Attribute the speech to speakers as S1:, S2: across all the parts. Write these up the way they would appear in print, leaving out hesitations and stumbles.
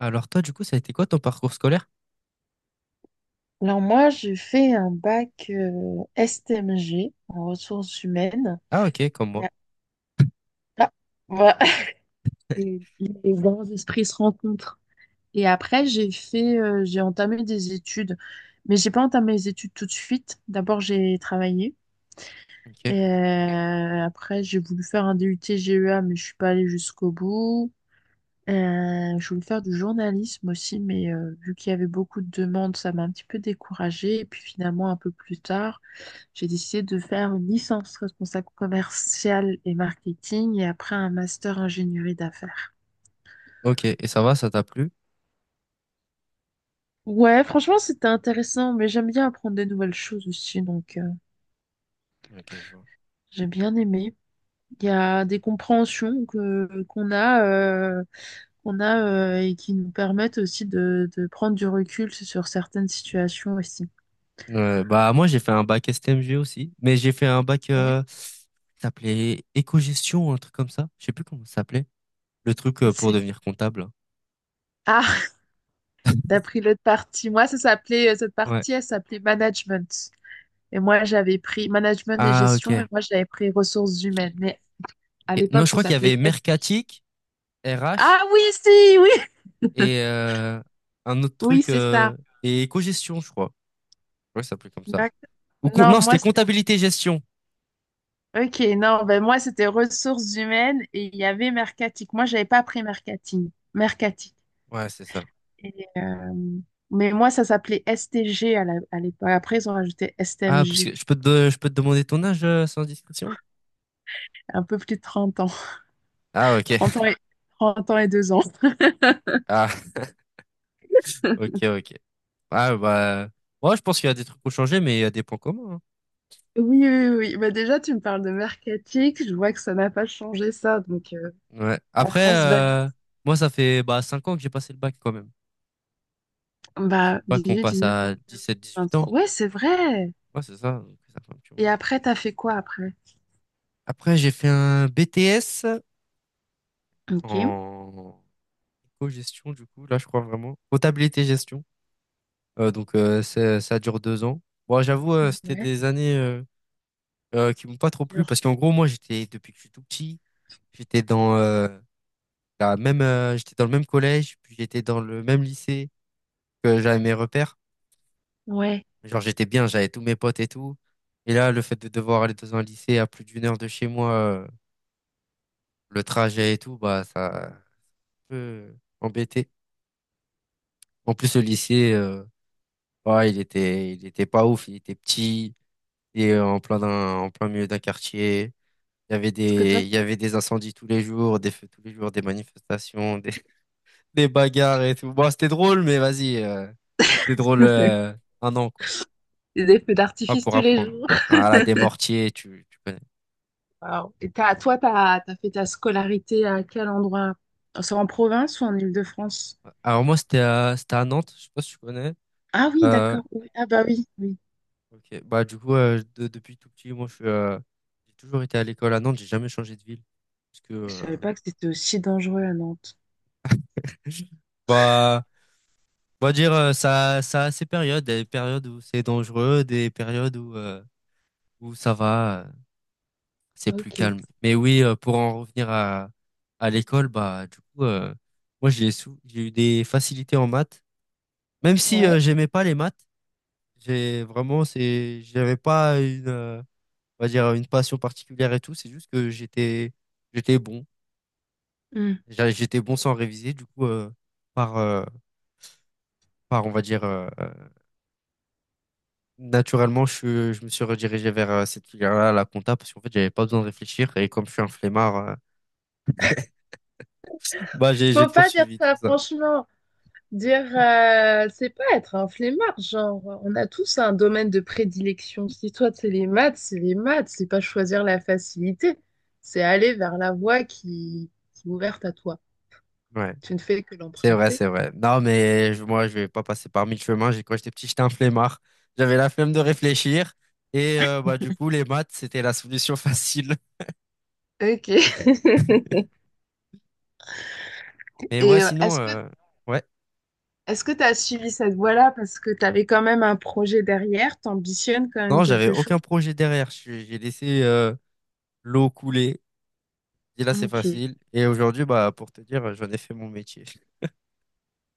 S1: Alors toi, du coup, ça a été quoi ton parcours scolaire?
S2: Alors moi, j'ai fait un bac STMG en ressources humaines.
S1: Ah ok, comme
S2: Et
S1: moi.
S2: ah, voilà. Les grands esprits se rencontrent. Et après, j'ai entamé des études, mais j'ai pas entamé les études tout de suite. D'abord, j'ai travaillé.
S1: Ok.
S2: Et après, j'ai voulu faire un DUT GEA, mais je suis pas allée jusqu'au bout. Je voulais faire du journalisme aussi, mais vu qu'il y avait beaucoup de demandes, ça m'a un petit peu découragée. Et puis finalement, un peu plus tard. J'ai décidé de faire une licence responsable commerciale et marketing et après un master ingénierie d'affaires.
S1: Ok, et ça va, ça t'a plu?
S2: Ouais, franchement, c'était intéressant, mais j'aime bien apprendre de nouvelles choses aussi, donc
S1: Ok, je vois.
S2: j'ai bien aimé. Il y a des compréhensions qu'on a, et qui nous permettent aussi de prendre du recul sur certaines situations aussi.
S1: Bah moi, j'ai fait un bac STMG aussi, mais j'ai fait un bac
S2: Ouais.
S1: qui s'appelait éco-gestion, un truc comme ça. Je sais plus comment ça s'appelait. Le truc pour
S2: C'est...
S1: devenir comptable.
S2: Ah, t'as pris l'autre partie. Moi, cette
S1: Ouais.
S2: partie, elle s'appelait management. Et moi, j'avais pris management et
S1: Ah
S2: gestion, et
S1: ok.
S2: moi, j'avais pris ressources humaines. Mais à
S1: Ok. Non,
S2: l'époque,
S1: je
S2: ça
S1: crois qu'il y avait
S2: s'appelait STG.
S1: mercatique, RH
S2: Ah oui, si, oui,
S1: et un autre
S2: oui,
S1: truc
S2: c'est ça.
S1: et éco-gestion, je crois. Ouais, ça s'appelait comme ça.
S2: D'ac- Non,
S1: Non,
S2: moi,
S1: c'était
S2: c'était...
S1: comptabilité-gestion.
S2: Ok, non, ben moi, c'était ressources humaines et il y avait mercatique. Moi, j'avais pas pris mercating, mercatique.
S1: Ouais, c'est ça.
S2: Et, euh, Mais moi, ça s'appelait STG à l'époque. Après, ils ont rajouté
S1: Ah, parce
S2: STMG.
S1: que je peux te demander ton âge sans discrétion.
S2: Un peu plus de 30 ans.
S1: Ah, ok.
S2: 30 ans et, 30 ans et 2 ans.
S1: Ah, ok, ok. Ah, bah, moi, je pense qu'il y a des trucs qui ont changé, mais il y a des points communs, hein.
S2: Oui, oui, oui, oui. Bah déjà, tu me parles de mercatique. Je vois que ça n'a pas changé ça. Donc,
S1: Ouais.
S2: la
S1: Après,
S2: France va vite.
S1: moi, ça fait bah, 5 ans que j'ai passé le bac quand même. C'est
S2: Bah,
S1: le bac, on
S2: 18,
S1: passe
S2: 19, 20,
S1: à 17 18 ans.
S2: 23. Ouais, c'est vrai.
S1: Ouais, c'est ça. Donc ça fait un petit
S2: Et
S1: moment.
S2: après, t'as fait quoi après?
S1: Après, j'ai fait un BTS
S2: Ok.
S1: en co-gestion, du coup, là, je crois vraiment. Comptabilité-gestion. Donc, ça dure 2 ans. Bon, j'avoue, c'était
S2: Ouais.
S1: des années qui m'ont pas trop plu,
S2: Genre,
S1: parce qu'en gros, moi, j'étais depuis que je suis tout petit, j'étais dans la même j'étais dans le même collège, puis j'étais dans le même lycée, que j'avais mes repères,
S2: ouais.
S1: genre j'étais bien, j'avais tous mes potes et tout. Et là, le fait de devoir aller dans un lycée à plus d'1 heure de chez moi, le trajet et tout, bah ça a un peu embêté. En plus, le lycée, bah, il était pas ouf, il était petit et en plein milieu d'un quartier, il y avait
S2: Parce que
S1: des,
S2: toi,
S1: il y avait des incendies tous les jours, des feux tous les jours, des manifestations, des bagarres et tout. Bon, c'était drôle, mais vas-y, c'était drôle
S2: t'as
S1: un an, quoi.
S2: des feux
S1: Pas
S2: d'artifice
S1: pour
S2: tous les
S1: apprendre.
S2: jours.
S1: Voilà, des mortiers, tu connais.
S2: Waouh. Et toi, t'as fait ta scolarité à quel endroit? C'est en province ou en Île-de-France?
S1: Alors moi, c'était à Nantes, je sais pas si tu connais.
S2: Ah oui,
S1: Euh,
S2: d'accord. Oui. Ah bah oui, oui.
S1: ok, bah du coup, depuis tout petit, moi, j'ai toujours été à l'école à Nantes, j'ai jamais changé de ville. Parce que,
S2: Je savais pas que c'était aussi dangereux à Nantes.
S1: bah, on va dire, ça a ses périodes, des périodes où c'est dangereux, des périodes où ça va, c'est plus
S2: Ok.
S1: calme. Mais oui, pour en revenir à l'école, bah, du coup, moi, j'ai eu des facilités en maths. Même si
S2: Ouais.
S1: j'aimais pas les maths, j'avais pas une, on va dire, une passion particulière et tout. C'est juste que j'étais bon. J'étais bon sans réviser. Du coup, par, euh, par, on va dire, naturellement, je me suis redirigé vers cette filière-là, la compta, parce qu'en fait, j'avais pas besoin de réfléchir. Et comme je suis un flemmard, bah, j'ai
S2: Faut pas dire
S1: poursuivi tout
S2: ça,
S1: ça.
S2: franchement. Dire, c'est pas être un flemmard, genre, on a tous un domaine de prédilection. Si toi, c'est les maths, c'est les maths, c'est pas choisir la facilité, c'est aller vers la voie qui est ouverte à toi.
S1: Ouais.
S2: Tu ne fais que
S1: C'est vrai,
S2: l'emprunter.
S1: c'est vrai. Non, mais moi, je vais pas passer par mille chemins. Quand j'étais petit, j'étais un flemmard. J'avais la flemme de réfléchir. Et bah, du coup, les maths, c'était la solution facile.
S2: Ok.
S1: Mais ouais,
S2: Et
S1: sinon,
S2: est-ce que
S1: ouais.
S2: est-ce que tu as suivi cette voie-là parce que tu avais quand même un projet derrière, t'ambitionnes quand même
S1: Non, j'avais
S2: quelque
S1: aucun
S2: chose?
S1: projet derrière. J'ai laissé l'eau couler. Et là, c'est
S2: Ok.
S1: facile. Et aujourd'hui, bah, pour te dire, j'en ai fait mon métier.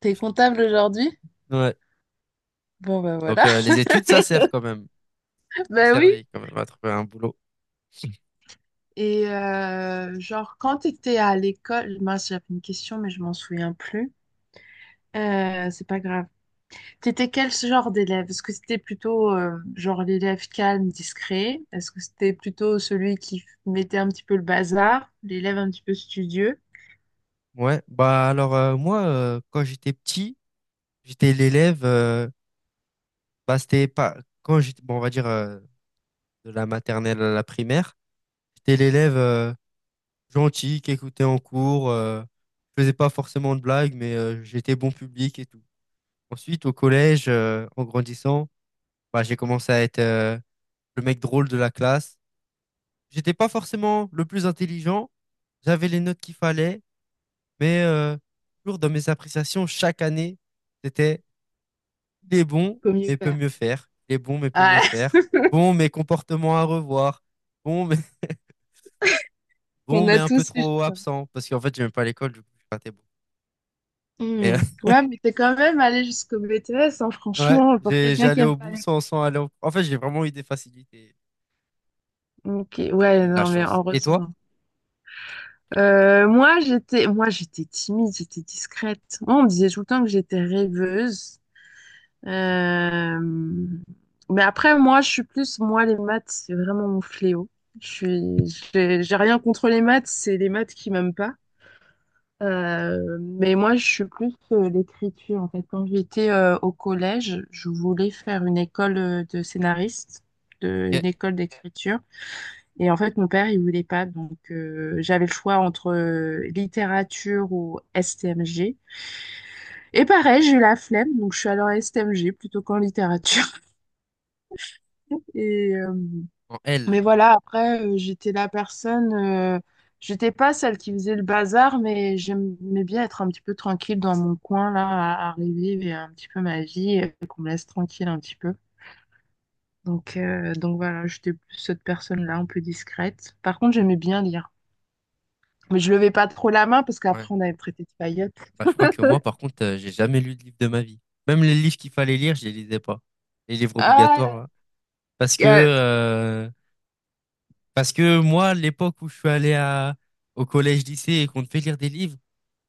S2: T'es comptable aujourd'hui?
S1: Ouais.
S2: Bon ben
S1: Donc,
S2: voilà.
S1: les études, ça sert quand même. On
S2: Ben oui,
S1: servi quand même à trouver un boulot.
S2: et genre, quand tu étais à l'école, moi j'avais une question, mais je m'en souviens plus. C'est pas grave. T'étais quel genre d'élève? Est-ce que c'était plutôt genre l'élève calme, discret? Est-ce que c'était plutôt celui qui mettait un petit peu le bazar, l'élève un petit peu studieux?
S1: Ouais. Bah, alors, quand j'étais petit, j'étais l'élève. Bah, c'était pas quand j'étais, bon, on va dire de la maternelle à la primaire, j'étais l'élève gentil qui écoutait en cours, je faisais pas forcément de blagues, mais j'étais bon public et tout. Ensuite, au collège, en grandissant, bah, j'ai commencé à être le mec drôle de la classe. J'étais pas forcément le plus intelligent, j'avais les notes qu'il fallait, mais toujours dans mes appréciations chaque année, c'était: Il est bon,
S2: Comme une
S1: mais peut
S2: paire.
S1: mieux faire. Il est bon, mais peut mieux
S2: Ah,
S1: faire. Bon, mais comportement à revoir. Bon, mais bon,
S2: on
S1: mais
S2: a
S1: un peu
S2: tous eu, je
S1: trop
S2: crois.
S1: absent. Parce qu'en fait, j'aime pas l'école, du coup, j'ai raté beaucoup. Mais, euh,
S2: Hmm. Ouais, mais t'es quand même allé jusqu'au BTS, hein,
S1: ouais,
S2: franchement, pour quelqu'un qui
S1: j'allais
S2: aime.
S1: au bout sans aller au… En fait, j'ai vraiment eu des facilités.
S2: Ok,
S1: J'ai
S2: ouais,
S1: eu de la
S2: non, mais
S1: chance. Et toi?
S2: heureusement. Moi, j'étais timide, j'étais discrète. Moi, on me disait tout le temps que j'étais rêveuse. Euh, Mais après, moi, les maths, c'est vraiment mon fléau. Je suis. J'ai rien contre les maths, c'est les maths qui m'aiment pas. Mais moi, je suis plus l'écriture. En fait, quand j'étais au collège, je voulais faire une école de scénariste,
S1: Ok.
S2: une école d'écriture. Et en fait, mon père, il voulait pas. Donc, j'avais le choix entre littérature ou STMG. Et pareil, j'ai eu la flemme, donc je suis allée en STMG plutôt qu'en littérature. Et, euh,
S1: En L.
S2: mais voilà, après, j'étais la personne, j'étais pas celle qui faisait le bazar, mais j'aimais bien être un petit peu tranquille dans mon coin, là, à revivre et un petit peu ma vie, et qu'on me laisse tranquille un petit peu. Donc voilà, j'étais plus cette personne-là, un peu discrète. Par contre, j'aimais bien lire. Mais je levais pas trop la main parce
S1: Ouais.
S2: qu'après on allait me traiter de paillotte.
S1: Bah, je crois que moi, par contre, j'ai jamais lu de livre de ma vie. Même les livres qu'il fallait lire, je les lisais pas. Les livres obligatoires,
S2: Ah,
S1: là. Parce que,
S2: euh,
S1: euh, Parce que moi, l'époque où je suis allé au collège-lycée et qu'on te fait lire des livres,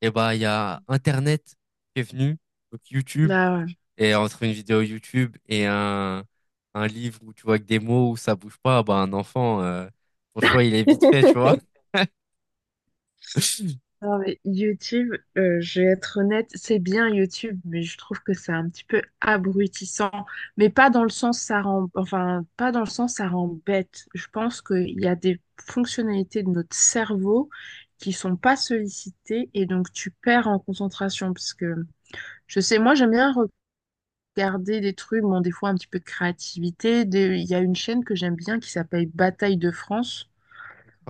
S1: et bah il y a Internet qui est venu, donc YouTube,
S2: bah ouais.
S1: et entre une vidéo YouTube et un livre où tu vois que des mots où ça bouge pas, bah un enfant, son choix il est vite fait, tu vois.
S2: Non, mais YouTube, je vais être honnête, c'est bien YouTube, mais je trouve que c'est un petit peu abrutissant. Mais pas dans le sens ça rend, enfin pas dans le sens ça rend bête. Je pense qu'il y a des fonctionnalités de notre cerveau qui sont pas sollicitées et donc tu perds en concentration parce que je sais, moi j'aime bien regarder des trucs, bon, des fois un petit peu de créativité. Il y a une chaîne que j'aime bien qui s'appelle Bataille de France.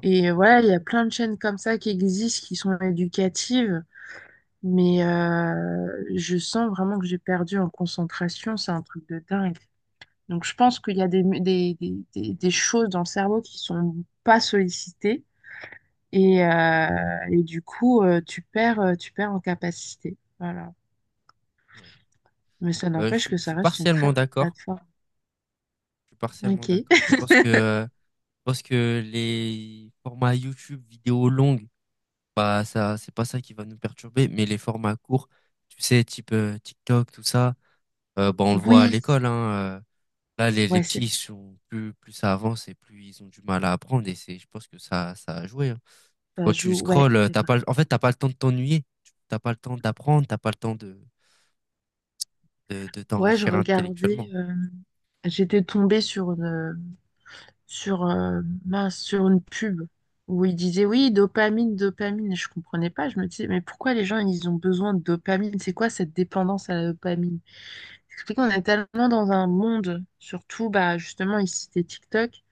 S2: Et voilà, il y a plein de chaînes comme ça qui existent, qui sont éducatives. Mais je sens vraiment que j'ai perdu en concentration. C'est un truc de dingue. Donc je pense qu'il y a des choses dans le cerveau qui sont pas sollicitées. Et, euh, et du coup, tu perds en capacité. Voilà.
S1: Ouais.
S2: Mais ça
S1: Euh, je,
S2: n'empêche
S1: suis
S2: que
S1: je
S2: ça
S1: suis
S2: reste une très
S1: partiellement
S2: bonne
S1: d'accord.
S2: plateforme.
S1: Je suis partiellement
S2: Ok.
S1: d'accord. Je pense que, euh, je pense que les formats YouTube, vidéos longues, bah ça, c'est pas ça qui va nous perturber, mais les formats courts, tu sais, type TikTok, tout ça, bah on le voit à
S2: Oui.
S1: l'école, hein. Là, les
S2: Ouais,
S1: petits,
S2: c'est
S1: ils sont plus, plus ça avance et plus ils ont du mal à apprendre. Je pense que ça a joué, hein.
S2: ça
S1: Quand tu
S2: joue. Ouais,
S1: scrolles,
S2: c'est
S1: t'as pas,
S2: vrai.
S1: le- en fait, t'as pas le temps de t'ennuyer. T'as pas le temps d'apprendre. T'as pas le temps de
S2: Ouais, je
S1: t'enrichir intellectuellement.
S2: regardais. J'étais tombée sur une pub où ils disaient oui, dopamine, dopamine. Et je comprenais pas. Je me disais mais pourquoi les gens ils ont besoin de dopamine? C'est quoi cette dépendance à la dopamine? C'est qu'on est tellement dans un monde, surtout bah justement ici c'était TikTok.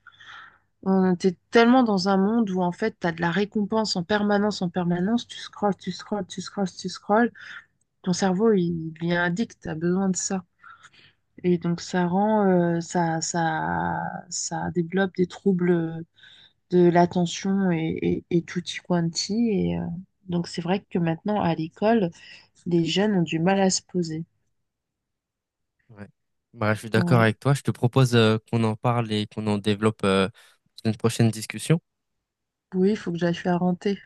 S2: On était tellement dans un monde où en fait t'as de la récompense en permanence, en permanence. Tu scrolles, tu scrolles, tu scrolles, tu scrolles. Ton cerveau il est addict. T'as besoin de ça. Et donc ça rend, ça, ça, ça développe des troubles de l'attention et tutti quanti. Donc c'est vrai que maintenant à l'école, les jeunes ont du mal à se poser.
S1: Ouais. Bah, je suis d'accord
S2: Ouais.
S1: avec toi. Je te propose, qu'on en parle et qu'on en développe, dans une prochaine discussion.
S2: Oui, il faut que j'aille faire rentrer.